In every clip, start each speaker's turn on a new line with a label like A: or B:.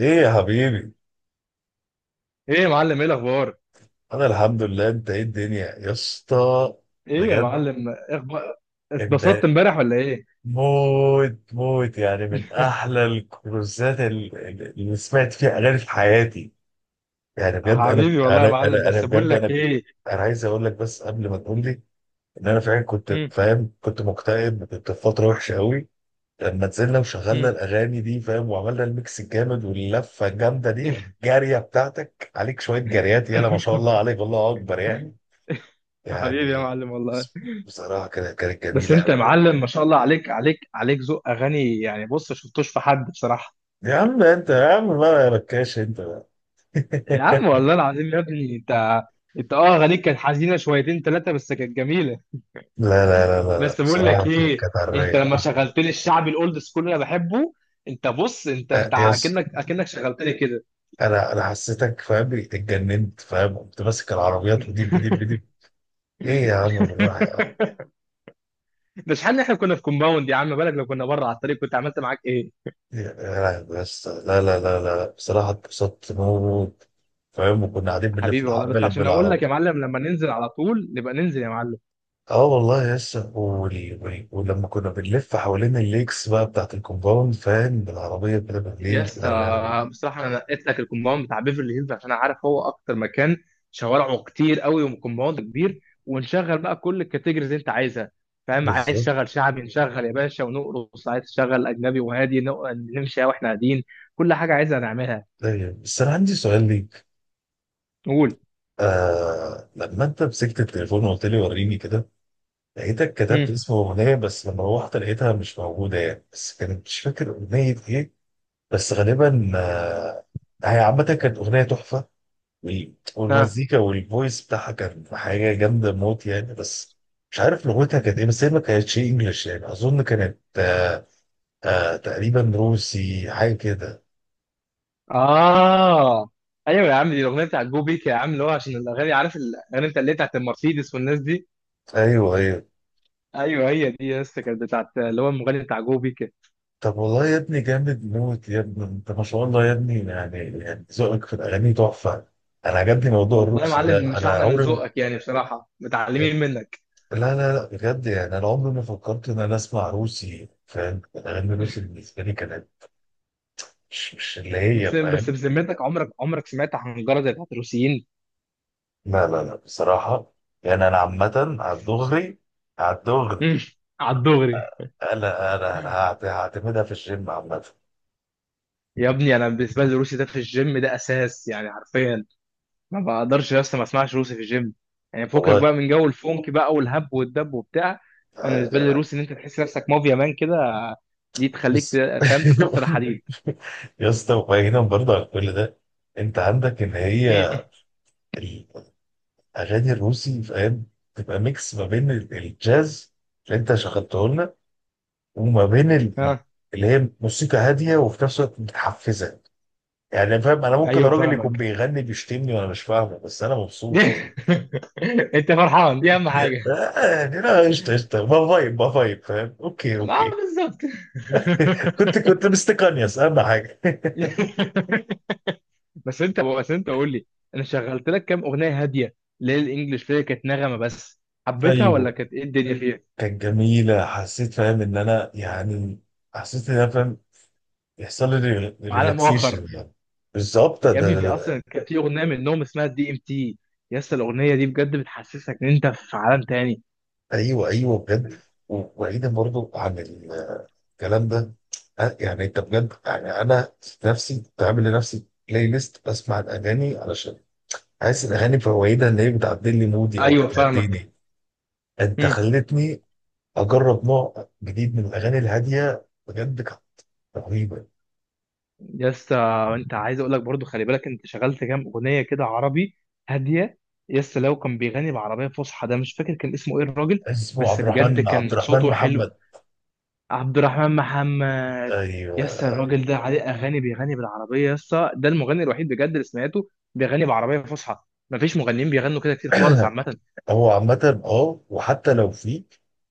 A: ايه يا حبيبي.
B: ايه يا معلم، ايه الاخبار؟
A: انا الحمد لله، انت ايه الدنيا يا اسطى؟
B: ايه يا
A: بجد،
B: معلم، إيه اخبار؟ اتبسطت
A: انت
B: امبارح ولا ايه؟
A: موت موت يعني من احلى الكروزات اللي سمعت فيها اغاني في حياتي. يعني بجد، انا
B: حبيبي والله يا
A: انا
B: معلم،
A: انا انا
B: بس بقول
A: بجد
B: لك
A: انا.
B: ايه.
A: انا عايز اقول لك بس قبل ما تقول لي ان انا فعلا كنت
B: مم،
A: فاهم، كنت مكتئب، كنت في فتره وحشه قوي لما نزلنا وشغلنا
B: مم.
A: الاغاني دي فاهم، وعملنا الميكس الجامد واللفه الجامده دي الجاريه بتاعتك، عليك شويه جاريات، يلا ما شاء الله عليك، الله اكبر يعني.
B: حبيبي يا
A: يعني
B: معلم والله.
A: بس- بصراحة كانت
B: بس
A: جميلة
B: انت
A: أوي.
B: يا معلم ما شاء الله عليك عليك عليك، ذوق اغاني يعني. بص شفتوش في حد بصراحه.
A: يا عم انت، يا عم بقى، يا ركاش انت بقى.
B: يا عم والله العظيم يا ابني، انت اه اغانيك كانت حزينه شويتين ثلاثه، بس كانت جميله.
A: لا، لا، لا، لا، لا.
B: بس بقول لك
A: بصراحة كانت
B: ايه،
A: كانت على
B: انت
A: الرايق.
B: لما شغلت لي الشعبي الاولد سكول اللي انا بحبه، انت بص، انت
A: آه،
B: انت
A: يس.
B: اكنك شغلت لي كده.
A: أنا حسيتك فاهم، اتجننت فاهم، كنت ماسك العربيات وديب بديب بديب. إيه يا عم، بالراحة يا عم.
B: ده شحال احنا كنا في كومباوند يا عم، بالك لو كنا بره على الطريق كنت عملت معاك ايه؟
A: بس لا لا لا لا بصراحة اتبسطت موت فاهم، وكنا قاعدين بنلف
B: حبيبي والله، بس
A: الحبة
B: عشان اقول
A: بالعربية.
B: لك يا معلم، لما ننزل على طول نبقى ننزل يا معلم.
A: اه والله يسا ولما كنا بنلف حوالين الليكس بقى بتاعت الكومباوند فاهم، بالعربية كده
B: يا
A: بالليل، لا لا.
B: اسطى بصراحه انا نقيت لك الكومباوند بتاع بيفرلي هيلز، عشان انا عارف هو اكتر مكان شوارعه كتير قوي وكومباوند كبير، ونشغل بقى كل الكاتيجوريز اللي انت عايزها. فاهم؟ عايز
A: بالظبط.
B: تشغل شعبي نشغل يا باشا ونرقص، عايز تشغل اجنبي وهادي نمشي واحنا قاعدين، كل حاجه عايزها نعملها.
A: ايوه بس انا عندي سؤال ليك.
B: قول.
A: آه لما انت مسكت التليفون وقلت لي وريني كده، لقيتك كتبت
B: امم.
A: اسم اغنية، بس لما روحت لقيتها مش موجودة يعني، بس كانت مش فاكر اغنية ايه. بس غالبا آه، هي عامة كانت اغنية تحفة. والمزيكا والفويس بتاعها كان حاجه جامده موت يعني، بس مش عارف لغتها كانت ايه، بس هي ما كانتش انجلش يعني، اظن كانت آه تقريبا روسي حاجه كده.
B: اه، ايوه يا عم دي الاغنيه بتاعت جو بيك يا عم، اللي هو عشان الاغاني، عارف الاغاني بتاع اللي هي بتاعت المرسيدس والناس دي.
A: ايوه ايوه.
B: ايوه هي دي يا اسطى، كانت بتاعت اللي هو المغني بتاع جو بيك.
A: طب والله يا ابني جامد موت يا ابني، انت ما شاء الله يا ابني، يعني ذوقك في الاغاني تحفه. انا عجبني موضوع
B: والله يا
A: الروسي
B: معلم
A: ده،
B: مش
A: انا
B: احلى من
A: عمري ما...
B: ذوقك يعني، بصراحه متعلمين منك.
A: لا لا لا بجد يعني انا عمري ما فكرت ان انا اسمع روسي فاهم، الاغاني الروسي بالنسبه لي كانت مش اللي
B: بس
A: هي
B: بس
A: فاهم.
B: بذمتك عمرك عمرك سمعت حنجره زي بتاعت الروسيين؟
A: لا لا لا بصراحة يعني، أنا عامة على الدغري، على الدغري.
B: على الدغري.
A: أنا هعتمدها في الجيم عامة.
B: يا ابني انا بالنسبه لي الروسي ده في الجيم ده اساس يعني حرفيا. ما بقدرش يا اسطى ما اسمعش روسي في الجيم، يعني فكك
A: والله.
B: بقى من جو الفونك بقى والهب والدب وبتاع. انا بالنسبه لي الروسي ان انت تحس نفسك مافيا مان كده، دي تخليك
A: بس.
B: فاهم تكسر حديد.
A: يا اسطى، وبعيدا برضه عن كل ده، أنت عندك إن
B: مم.
A: هي الأغاني الروسي فاهم تبقى ميكس ما بين الجاز اللي أنت شغلته لنا، وما بين
B: ها.
A: اللي هي موسيقى هادية وفي نفس الوقت متحفزة. يعني فاهم، أنا ممكن
B: ايوه
A: الراجل يكون
B: فاهمك.
A: بيغني بيشتمني وأنا مش فاهمه، بس أنا مبسوط يعني.
B: انت فرحان دي اهم حاجه.
A: عادي، لا، قشطة قشطة، ما فايب ما فايب، فاهم، اوكي
B: ما
A: اوكي.
B: بالظبط.
A: كنت مستقنيس اهم حاجة.
B: بس انت، بس انت قول لي، انا شغلت لك كام اغنيه هاديه ليه، الانجليش فيها كانت نغمه، بس حبيتها
A: ايوه
B: ولا كانت ايه الدنيا فيها؟
A: كانت جميلة، حسيت فاهم ان انا يعني، حسيت ان انا فاهم يحصل لي
B: عالم اخر.
A: ريلاكسيشن يعني. بالظبط.
B: يا ابني في اصلا كان في اغنيه منهم اسمها دي ام تي، يا اسطى الاغنيه دي بجد بتحسسك ان انت في عالم تاني.
A: ايوه ايوه بجد. وبعيدا برضو عن الكلام ده، يعني انت بجد يعني، انا نفسي بعمل لنفسي بلاي ليست بسمع الاغاني علشان حاسس الاغاني فوائدها ان هي بتعدل لي مودي او
B: ايوه فاهمك.
A: بتهديني. انت
B: مم.
A: خلتني اجرب نوع جديد من الاغاني الهاديه، بجد كانت رهيبه.
B: يا اسطى، انت عايز اقول لك برضو، خلي بالك انت شغلت كام اغنيه كده عربي هاديه. يا اسطى لو كان بيغني بعربيه فصحى، ده مش فاكر كان اسمه ايه الراجل.
A: اسمه
B: بس
A: عبد
B: بجد
A: الرحمن عبد
B: كان
A: الرحمن
B: صوته حلو.
A: محمد.
B: عبد الرحمن محمد. يا اسطى
A: ايوه.
B: الراجل ده عليه اغاني بيغني بالعربيه، يا اسطى ده المغني الوحيد بجد اللي سمعته بيغني بعربيه فصحى. مفيش مغنيين بيغنوا كده كتير خالص عامه.
A: هو عامه اه وحتى لو في،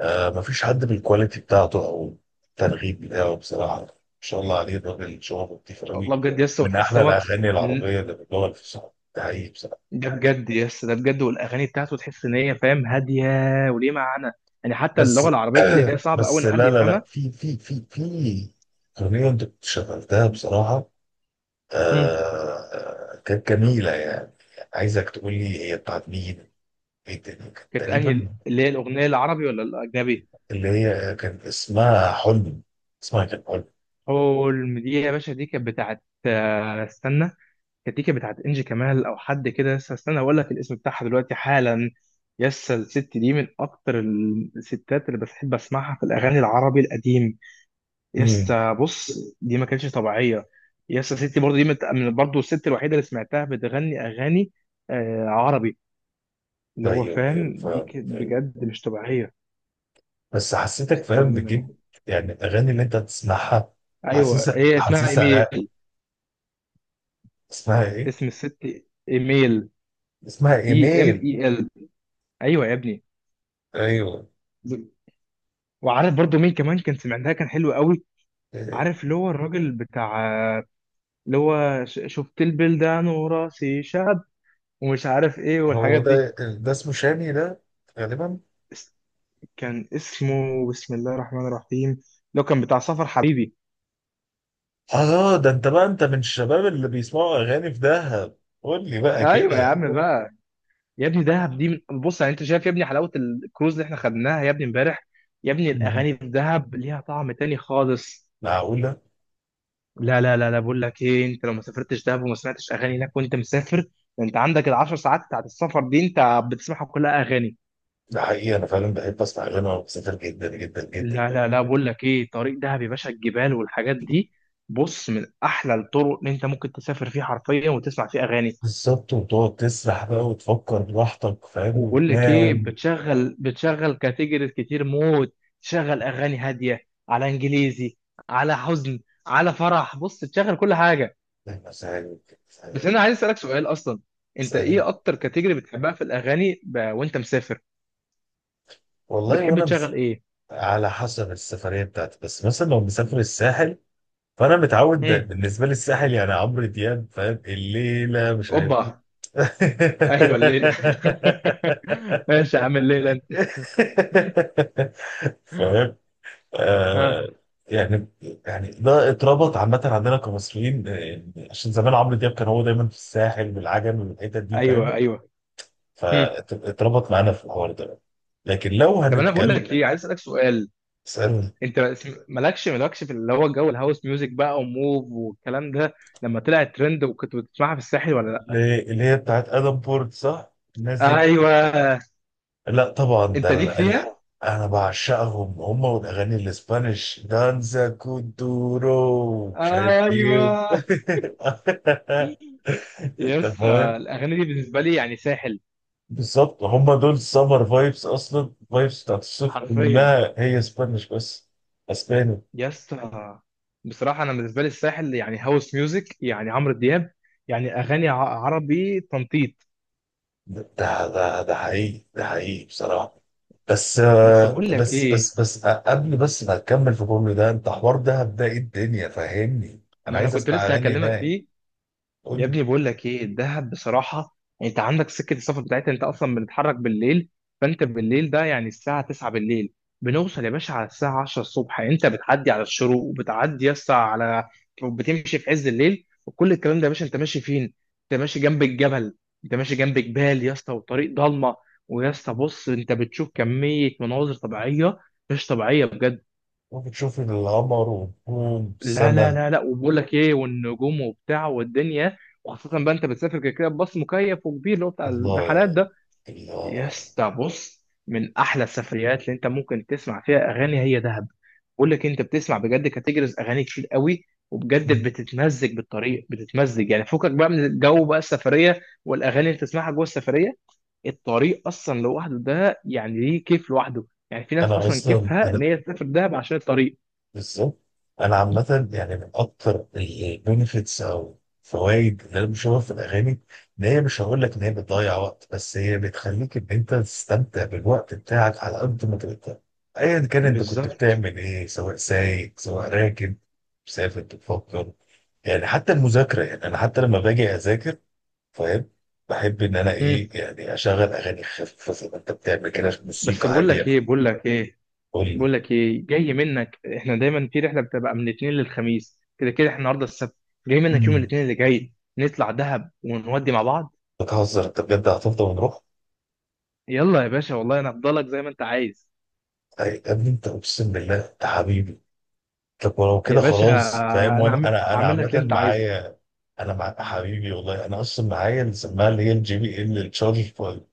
A: آه مفيش حد بالكواليتي بتاعته او الترغيب بتاعه بصراحه، ما شاء الله عليه الراجل، شغله لطيف
B: شاء
A: قوي،
B: الله بجد يس،
A: من
B: وتحس
A: احلى
B: ان هو
A: الاغاني
B: ال-
A: العربيه اللي بتدور في الصحف، ده حقيقي بصراحه.
B: ده بجد يس، ده بجد، والاغاني بتاعته تحس ان هي فاهم هاديه وليه معنى. يعني حتى
A: بس
B: اللغه العربيه بتلاقيها صعبه قوي ان حد
A: لا لا لا،
B: يفهمها.
A: في اغنيه انت كنت شغلتها بصراحه،
B: مم.
A: آه كانت جميلة يعني. عايزك تقول لي هي بتاعت مين، ايه الدنيا كانت
B: كانت انهي،
A: تقريبا،
B: اللي هي الاغنيه العربي ولا الاجنبي؟
A: اللي هي كان اسمها حلم، اسمها كان حلم.
B: حلم دي يا باشا، دي كانت بتاعت آه، استنى. كانت دي كانت بتاعت انجي كمال او حد كده، يس استنى اقول لك الاسم بتاعها دلوقتي حالا. يس الست دي من اكتر الستات اللي بحب اسمعها في الاغاني العربي القديم.
A: امم.
B: يسا بص، دي ما كانتش طبيعيه. يسا ستي برضو دي برضو الست الوحيده اللي سمعتها بتغني اغاني آه عربي، اللي هو
A: ايوه ايوه،
B: فاهم دي
A: فاهم
B: كانت
A: فاهم.
B: بجد مش طبيعيه.
A: بس حسيتك فاهم
B: استنى.
A: بتجيب يعني الاغاني اللي انت بتسمعها،
B: ايوه
A: حاسسها
B: هي اسمها
A: حاسسها.
B: ايميل.
A: اسمها ايه؟
B: اسم الست ايميل.
A: اسمها
B: اي ام
A: ايميل.
B: اي ال. ايوه يا ابني.
A: ايوه.
B: وعارف برضو مين كمان كان سمعناها كان حلو قوي؟
A: إيه،
B: عارف اللي هو الراجل بتاع، اللي هو شفت البلدان وراسي شعب ومش عارف ايه
A: هو
B: والحاجات دي؟
A: ده اسمه شامي ده غالبا.
B: كان اسمه بسم الله الرحمن الرحيم، لو كان بتاع سفر حبيبي.
A: اه، ده انت بقى، انت من الشباب اللي بيسمعوا اغاني في دهب، قول لي بقى
B: ايوه يا
A: كده.
B: عم بقى. يا ابني دهب دي من... بص يعني انت شايف يا ابني حلاوه الكروز اللي احنا خدناها يا ابني امبارح؟ يا ابني الاغاني في دهب ليها طعم تاني خالص.
A: معقولة؟
B: لا لا لا لا، بقول لك ايه، انت لو ما سافرتش دهب وما سمعتش اغاني هناك وانت مسافر، ده انت عندك العشر ساعات بتاعت السفر دي انت بتسمعها كلها اغاني.
A: ده حقيقي، أنا فعلا بحب أسمع أغاني وأنا بسافر، جدا جدا جدا.
B: لا لا لا، بقول لك ايه، طريق دهب يا باشا الجبال والحاجات دي، بص من احلى الطرق اللي انت ممكن تسافر فيها حرفيا وتسمع فيها اغاني.
A: بالظبط، وتقعد تسرح بقى وتفكر براحتك فاهم،
B: وبقول لك ايه،
A: وتنام.
B: بتشغل كاتيجوريز كتير موت، تشغل اغاني هاديه على انجليزي، على حزن، على فرح، بص تشغل كل حاجه.
A: مسائل.
B: بس انا عايز اسالك سؤال اصلا، انت
A: مسائل.
B: ايه اكتر كاتيجوري بتحبها في الاغاني وانت مسافر؟
A: والله
B: بتحب
A: وأنا
B: تشغل
A: مس...
B: ايه؟
A: على حسب السفرية بتاعتي، بس مثلا لو مسافر الساحل، فأنا متعود ده
B: هم.
A: بالنسبة لي، الساحل يعني عمرو دياب فاهم، الليلة مش عارف.
B: اوبا. ايوه الليله. ماشي يا عم الليله انت.
A: فاهم. آه
B: ها.
A: يعني، يعني ده اتربط عامة عندنا كمصريين، آه، يعني عشان زمان عمرو دياب كان هو دايما في الساحل والعجمي والحتت دي فاهم،
B: ايوه ايوه. هم.
A: فاتربط معانا في الحوار ده. لكن لو
B: طب انا بقول
A: هنتكلم،
B: لك ايه، عايز اسالك سؤال.
A: اسألني.
B: مالكش مالكش في اللي هو جو الهاوس ميوزك بقى وموف والكلام ده لما طلع ترند، وكنت بتسمعها في الساحل ولا لا؟
A: اللي هي بتاعت ادم بورت صح، الناس دي.
B: ايوه.
A: لا طبعا، ده
B: انت ليك فيها.
A: انا بعشقهم هم، والاغاني الاسبانيش دانزا كودورو مش عارف ايه.
B: ايوه.
A: انت
B: يس
A: فاهم.
B: الاغاني دي بالنسبه لي يعني ساحل،
A: بالظبط، هم دول سمر فايبس اصلا، فايبس بتاعت الصيف
B: حرفيا.
A: كلها هي اسبانيش بس، اسباني.
B: يس. بصراحه انا بالنسبه لي الساحل يعني هاوس ميوزك، يعني عمرو دياب، يعني اغاني عربي تنطيط.
A: ده حقيقي، ده حقيقي بصراحه. بس
B: بس بقول لك ايه،
A: قبل بس ما تكمل في كل ده، انت حوار دهب ده ايه الدنيا، فهمني، انا
B: ما انا
A: عايز
B: كنت
A: اسمع
B: لسه
A: اغاني
B: هكلمك
A: هناك.
B: فيه.
A: قول
B: يا
A: لي.
B: ابني بقول لك ايه الدهب بصراحه، يعني انت عندك سكه السفر بتاعتها، انت اصلا بنتحرك بالليل، فانت بالليل ده يعني الساعه 9 بالليل بنوصل يا باشا على الساعه 10 الصبح، يعني انت بتعدي على الشروق وبتعدي يا اسطى على، بتمشي في عز الليل وكل الكلام ده. يا باشا انت ماشي فين؟ انت ماشي جنب الجبل، انت ماشي جنب جبال يا اسطى، وطريق ضلمه، ويا اسطى بص انت بتشوف كميه مناظر طبيعيه مش طبيعيه بجد.
A: ممكن تشوف القمر والنجوم
B: لا لا
A: السما.
B: لا لا، وبقول لك ايه، والنجوم وبتاع والدنيا، وخاصة بقى انت بتسافر كده كده بباص مكيف وكبير اللي هو بتاع الرحلات
A: الله.
B: ده. يا
A: الله.
B: اسطى بص، من احلى السفريات اللي انت ممكن تسمع فيها اغاني هي دهب. بقول لك انت بتسمع بجد كاتيجوريز اغاني كتير قوي، وبجد بتتمزج بالطريق، بتتمزج يعني، فكك بقى من الجو بقى السفرية والاغاني اللي بتسمعها جوه السفرية. الطريق اصلا لوحده ده يعني ليه كيف لوحده، يعني في ناس
A: انا
B: اصلا
A: اصلا
B: كيفها
A: انا.
B: ان هي تسافر دهب عشان الطريق.
A: بالظبط. انا عامه يعني من اكتر البنفيتس او فوائد اللي انا بشوفها في الاغاني، ان هي مش هقول لك ان هي بتضيع وقت، بس هي بتخليك ان انت تستمتع بالوقت بتاعك على قد ما تقدر، ايا كان انت كنت
B: بالظبط.
A: بتعمل ايه، سواء سايق سواء راكب مسافر بتفكر. يعني حتى المذاكره، يعني انا حتى لما باجي اذاكر فاهم، بحب ان انا ايه يعني، اشغل اغاني خفيفه زي ما انت بتعمل كده،
B: بس
A: موسيقى
B: بقول
A: هاديه.
B: لك ايه، بقول لك ايه،
A: قول لي.
B: بقول لك ايه جاي منك، احنا دايما في رحله بتبقى من الاثنين للخميس كده كده، احنا النهارده السبت، جاي منك يوم الاثنين اللي جاي نطلع دهب ونودي مع بعض.
A: بتهزر انت بجد، هتفضل ونروح؟
B: يلا يا باشا والله انا هفضلك زي ما انت عايز.
A: يا ابني انت، اقسم بالله انت حبيبي. طب ولو
B: يا
A: كده
B: باشا،
A: خلاص فاهم،
B: انا
A: وانا انا
B: اعمل لك اللي
A: عامه
B: انت عايزه.
A: معايا. انا مع حبيبي والله، انا اصلا معايا اللي سماها اللي هي الـJBL التشارج بوينت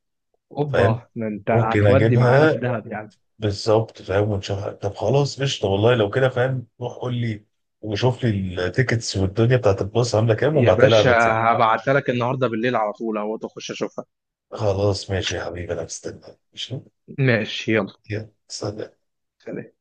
A: فاهم.
B: اوبا، ده انت
A: ممكن
B: هتودي معانا في
A: اجيبها.
B: دهب يعني؟
A: بالظبط فاهم، ونشوفها. طب خلاص قشطه والله، لو كده فاهم، روح قول لي وشوف لي التيكتس والدنيا بتاعت الباص عامله كام،
B: يا
A: وابعتها لي على
B: باشا
A: الواتساب.
B: هبعتها لك النهارده بالليل على طول اهو تخش اشوفها.
A: خلاص ماشي يا حبيبي، انا مستني. ماشي.
B: ماشي يلا.
A: يلا سلام.
B: سلام.